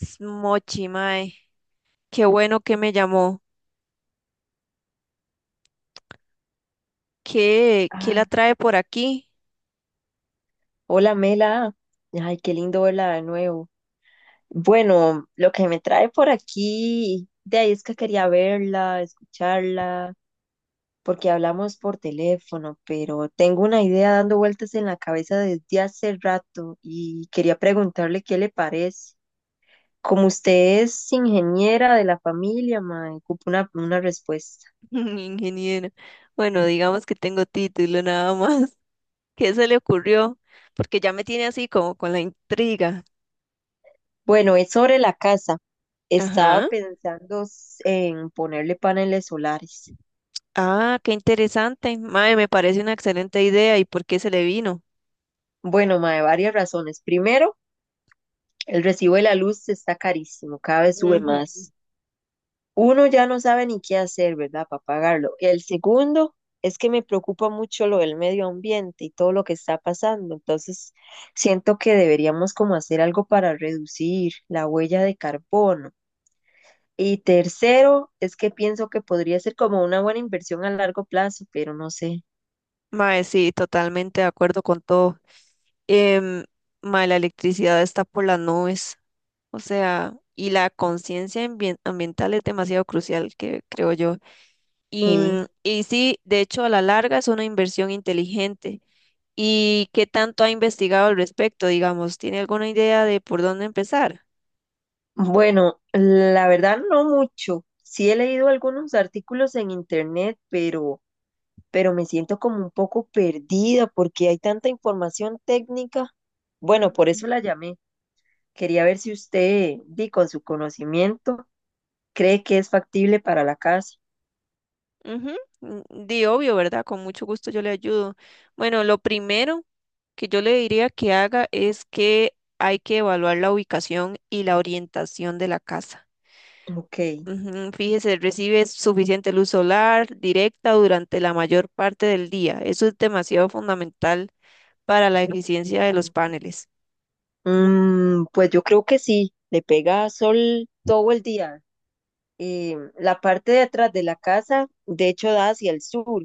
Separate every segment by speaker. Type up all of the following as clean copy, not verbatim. Speaker 1: S- Mochi, mae, qué bueno que me llamó. ¿Qué, qué la
Speaker 2: Ay,
Speaker 1: trae por aquí?
Speaker 2: hola Mela, ay, qué lindo verla de nuevo. Bueno, lo que me trae por aquí, de ahí es que quería verla, escucharla, porque hablamos por teléfono, pero tengo una idea dando vueltas en la cabeza desde hace rato y quería preguntarle qué le parece. Como usted es ingeniera de la familia, me ocupo una respuesta.
Speaker 1: Ingeniero. Bueno, digamos que tengo título nada más. ¿Qué se le ocurrió? Porque ya me tiene así como con la intriga.
Speaker 2: Bueno, es sobre la casa. Estaba
Speaker 1: Ajá.
Speaker 2: pensando en ponerle paneles solares.
Speaker 1: Ah, qué interesante. Mae, me parece una excelente idea. ¿Y por qué se le vino?
Speaker 2: Bueno, mae, varias razones. Primero, el recibo de la luz está carísimo, cada vez sube
Speaker 1: Ujú.
Speaker 2: más. Uno ya no sabe ni qué hacer, ¿verdad? Para pagarlo. El segundo es que me preocupa mucho lo del medio ambiente y todo lo que está pasando. Entonces, siento que deberíamos como hacer algo para reducir la huella de carbono. Y tercero, es que pienso que podría ser como una buena inversión a largo plazo, pero no sé.
Speaker 1: Mae, sí, totalmente de acuerdo con todo. em, Mae, la electricidad está por las nubes, o sea, y la conciencia ambiental es demasiado crucial, que creo yo. Y,
Speaker 2: Sí.
Speaker 1: y sí, de hecho, a la larga es una inversión inteligente. ¿Y qué tanto ha investigado al respecto? Digamos, ¿tiene alguna idea de por dónde empezar?
Speaker 2: Bueno, la verdad no mucho. Sí he leído algunos artículos en internet, pero me siento como un poco perdida porque hay tanta información técnica. Bueno, por
Speaker 1: Ujú,
Speaker 2: eso la llamé. Quería ver si usted, di con su conocimiento, cree que es factible para la casa.
Speaker 1: ujú, Di obvio, ¿verdad? Con mucho gusto yo le ayudo. Bueno, lo primero que yo le diría que haga es que hay que evaluar la ubicación y la orientación de la casa.
Speaker 2: Ok.
Speaker 1: Ujú. Fíjese, recibe suficiente luz solar directa durante la mayor parte del día. Eso es demasiado fundamental para la eficiencia de los paneles.
Speaker 2: Mm, pues yo creo que sí, le pega sol todo el día. La parte de atrás de la casa, de hecho, da hacia el sur.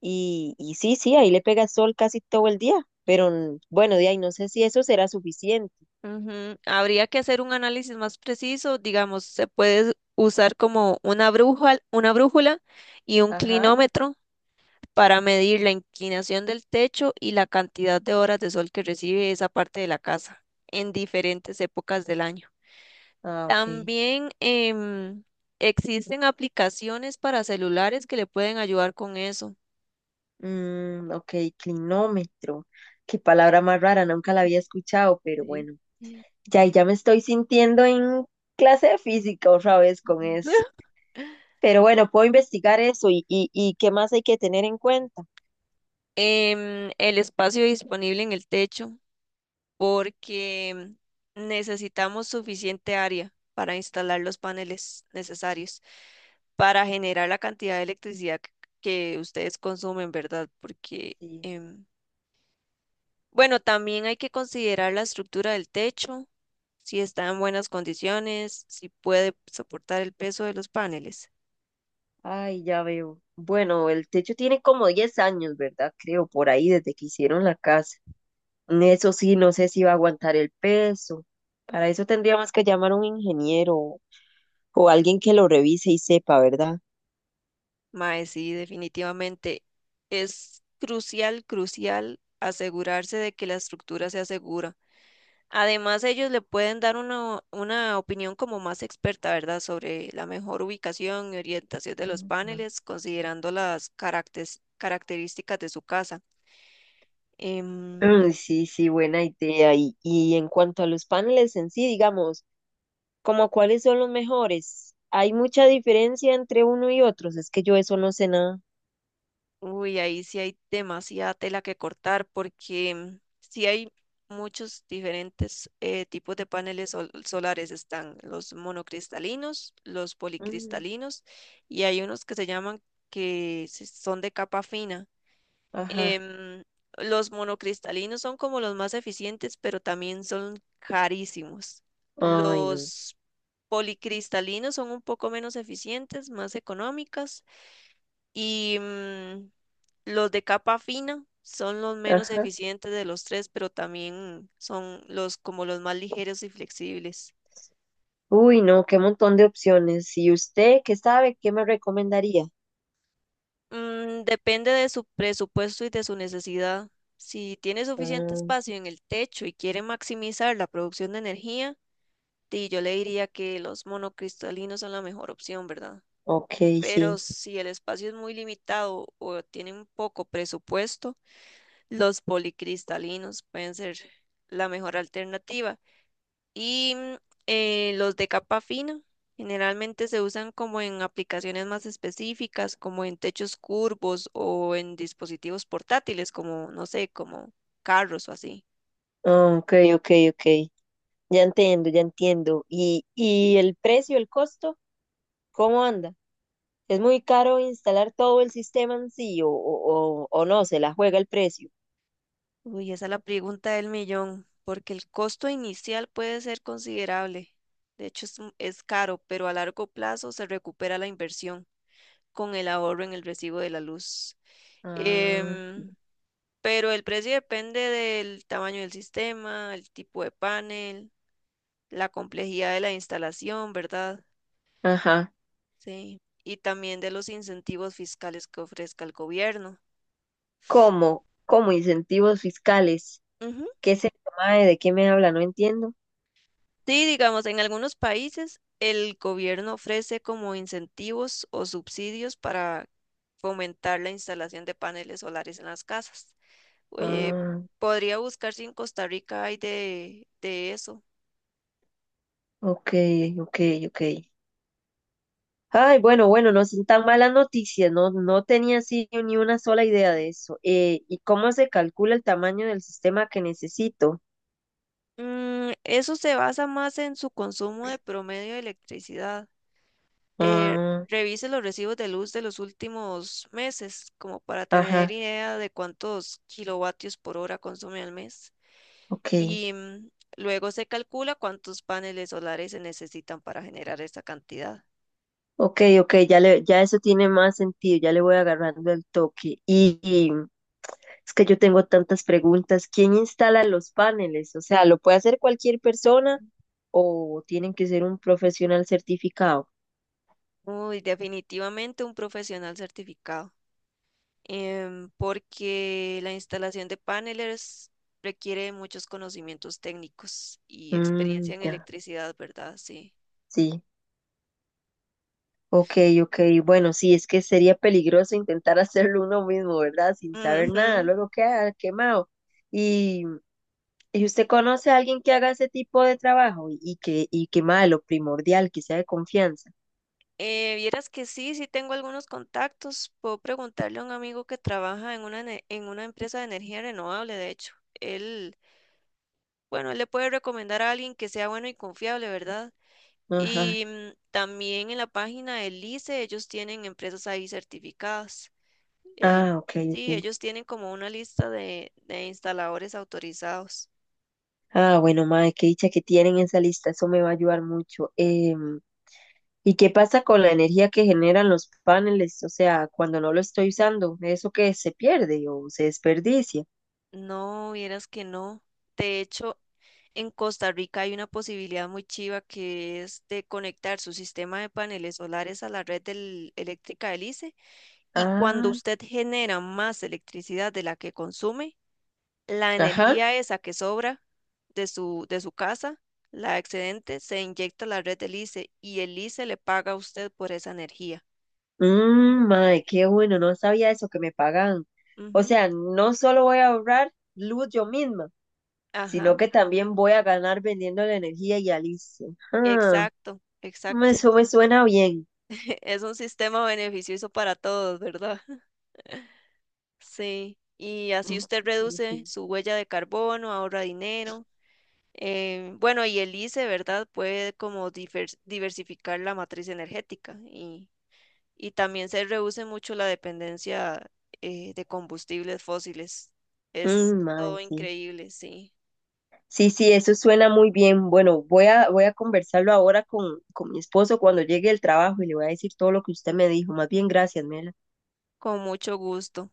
Speaker 2: Y sí, sí, ahí le pega sol casi todo el día, pero bueno, de ahí no sé si eso será suficiente.
Speaker 1: Ujú. Habría que hacer un análisis más preciso, digamos, se puede usar como una brújula y un
Speaker 2: Ajá.
Speaker 1: clinómetro para medir la inclinación del techo y la cantidad de horas de sol que recibe esa parte de la casa en diferentes épocas del año.
Speaker 2: Ah, ok.
Speaker 1: También existen aplicaciones para celulares que le pueden ayudar con eso.
Speaker 2: Mm, ok, clinómetro. Qué palabra más rara, nunca la había escuchado, pero
Speaker 1: Sí.
Speaker 2: bueno, ya, ya me estoy sintiendo en clase de física otra vez con eso. Pero bueno, puedo investigar eso y qué más hay que tener en cuenta.
Speaker 1: El espacio disponible en el techo, porque necesitamos suficiente área para instalar los paneles necesarios para generar la cantidad de electricidad que ustedes consumen, ¿verdad? Porque
Speaker 2: Sí.
Speaker 1: em, bueno, también hay que considerar la estructura del techo, si está en buenas condiciones, si puede soportar el peso de los paneles.
Speaker 2: Ay, ya veo. Bueno, el techo tiene como 10 años, ¿verdad? Creo, por ahí, desde que hicieron la casa. Eso sí, no sé si va a aguantar el peso. Para eso tendríamos que llamar a un ingeniero o alguien que lo revise y sepa, ¿verdad?
Speaker 1: Mae, sí, definitivamente es crucial, crucial asegurarse de que la estructura sea segura. Además, ellos le pueden dar una opinión como más experta, ¿verdad?, sobre la mejor ubicación y orientación de los
Speaker 2: Ujú.
Speaker 1: paneles, considerando las características de su casa.
Speaker 2: Ay,
Speaker 1: Em,
Speaker 2: sí, sí, buena idea. Y en cuanto a los paneles en sí, digamos, como cuáles son los mejores, ¿hay mucha diferencia entre uno y otros? Es que yo eso no sé nada.
Speaker 1: uy, ahí sí hay demasiada tela que cortar porque sí hay muchos diferentes tipos de paneles solares. Están los monocristalinos, los
Speaker 2: Mm,
Speaker 1: policristalinos y hay unos que se llaman que son de capa fina.
Speaker 2: ajá.
Speaker 1: Em, los monocristalinos son como los más eficientes, pero también son carísimos.
Speaker 2: Ay, no.
Speaker 1: Los policristalinos son un poco menos eficientes, más económicas y los de capa fina son los menos
Speaker 2: Ajá.
Speaker 1: eficientes de los tres, pero también son los como los más ligeros y flexibles.
Speaker 2: Uy, no, qué montón de opciones. ¿Y usted qué sabe? ¿Qué me recomendaría?
Speaker 1: Mm, depende de su presupuesto y de su necesidad. Si tiene suficiente espacio en el techo y quiere maximizar la producción de energía, di, yo le diría que los monocristalinos son la mejor opción, ¿verdad?
Speaker 2: Ok,
Speaker 1: Pero
Speaker 2: sí.
Speaker 1: si el espacio es muy limitado o tienen poco presupuesto, los policristalinos pueden ser la mejor alternativa. Y los de capa fina generalmente se usan como en aplicaciones más específicas, como en techos curvos o en dispositivos portátiles, como, no sé, como carros o así.
Speaker 2: Ah, ok, ok, ok. Ya entiendo, ya entiendo. ¿Y el precio, el costo, cómo anda? ¿Es muy caro instalar todo el sistema en sí o no? ¿Se la juega el precio?
Speaker 1: Uy, esa es la pregunta del millón, porque el costo inicial puede ser considerable. De hecho, es caro, pero a largo plazo se recupera la inversión con el ahorro en el recibo de la luz.
Speaker 2: Ah,
Speaker 1: Em, pero el precio depende del tamaño del sistema, el tipo de panel, la complejidad de la instalación, ¿verdad?
Speaker 2: ajá.
Speaker 1: Sí. Y también de los incentivos fiscales que ofrezca el gobierno.
Speaker 2: ¿Cómo? ¿Cómo incentivos fiscales?
Speaker 1: Ujú.
Speaker 2: ¿Qué se llama? ¿De qué me habla? No entiendo.
Speaker 1: Sí, digamos, en algunos países el gobierno ofrece como incentivos o subsidios para fomentar la instalación de paneles solares en las casas. Eh,
Speaker 2: Ah,
Speaker 1: Podría buscar si en Costa Rica hay de eso.
Speaker 2: ok, ok, ok. Ay, bueno, bueno, no son tan malas noticias, no, no tenía así ni una sola idea de eso. ¿Y cómo se calcula el tamaño del sistema que necesito?
Speaker 1: Mm, eso se basa más en su consumo de promedio de electricidad. Eh,
Speaker 2: Ah,
Speaker 1: Revise los recibos de luz de los últimos meses, como para tener
Speaker 2: ajá,
Speaker 1: idea de cuántos kilovatios por hora consume al mes.
Speaker 2: ok,
Speaker 1: Y luego se calcula cuántos paneles solares se necesitan para generar esa cantidad.
Speaker 2: ok, ok, ya le, ya eso tiene más sentido, ya le voy agarrando el toque. Y es que yo tengo tantas preguntas. ¿Quién instala los paneles? O sea, ¿lo puede hacer cualquier persona o tienen que ser un profesional certificado?
Speaker 1: Uy, definitivamente un profesional certificado. Porque la instalación de paneles requiere muchos conocimientos técnicos y
Speaker 2: Mm,
Speaker 1: experiencia en
Speaker 2: ya,
Speaker 1: electricidad, ¿verdad? Sí.
Speaker 2: sí. Ok, ok, bueno, sí, es que sería peligroso intentar hacerlo uno mismo, ¿verdad? Sin saber nada,
Speaker 1: Ujú.
Speaker 2: luego queda quemado. ¿Y, y usted conoce a alguien que haga ese tipo de trabajo y que mae, lo primordial, que sea de confianza?
Speaker 1: Vieras que sí, sí tengo algunos contactos. Puedo preguntarle a un amigo que trabaja en en una empresa de energía renovable, de hecho. Él, bueno, él le puede recomendar a alguien que sea bueno y confiable, ¿verdad?
Speaker 2: Ajá,
Speaker 1: Y también en la página del ICE ellos tienen empresas ahí certificadas. Eh,
Speaker 2: ah, ok,
Speaker 1: sí,
Speaker 2: ok.
Speaker 1: ellos tienen como una lista de instaladores autorizados.
Speaker 2: Ah, bueno, mae, qué dicha que tienen esa lista, eso me va a ayudar mucho. Em, ¿y qué pasa con la energía que generan los paneles? O sea, cuando no lo estoy usando, ¿eso que se pierde o se desperdicia?
Speaker 1: No, vieras que no. De hecho, en Costa Rica hay una posibilidad muy chiva que es de conectar su sistema de paneles solares a la red eléctrica del ICE y cuando
Speaker 2: Ah,
Speaker 1: usted genera más electricidad de la que consume, la
Speaker 2: ajá.
Speaker 1: energía esa que sobra de de su casa, la excedente, se inyecta a la red del ICE y el ICE le paga a usted por esa energía.
Speaker 2: Mmm, madre,
Speaker 1: Sí.
Speaker 2: qué bueno, no sabía eso que me pagan. O
Speaker 1: Ujú.
Speaker 2: sea, no solo voy a ahorrar luz yo misma, sino
Speaker 1: Ajá,
Speaker 2: que también voy a ganar vendiendo la energía y Alicia. Ah,
Speaker 1: exacto,
Speaker 2: me-
Speaker 1: exacto.
Speaker 2: eso me suena bien.
Speaker 1: Es un sistema beneficioso para todos, ¿verdad? Sí, y así
Speaker 2: Mmm,
Speaker 1: usted
Speaker 2: madre,
Speaker 1: reduce
Speaker 2: sí.
Speaker 1: su huella de carbono, ahorra dinero. Eh, bueno, y el ICE, ¿verdad? Puede como diversificar la matriz energética y también se reduce mucho la dependencia de combustibles fósiles. Es
Speaker 2: Mm, mae,
Speaker 1: todo
Speaker 2: sí,
Speaker 1: increíble, sí,
Speaker 2: sí, sí, eso suena muy bien. Bueno, voy a, voy a conversarlo ahora con mi esposo cuando llegue el trabajo y le voy a decir todo lo que usted me dijo. Más bien, gracias, Mela.
Speaker 1: con mucho gusto.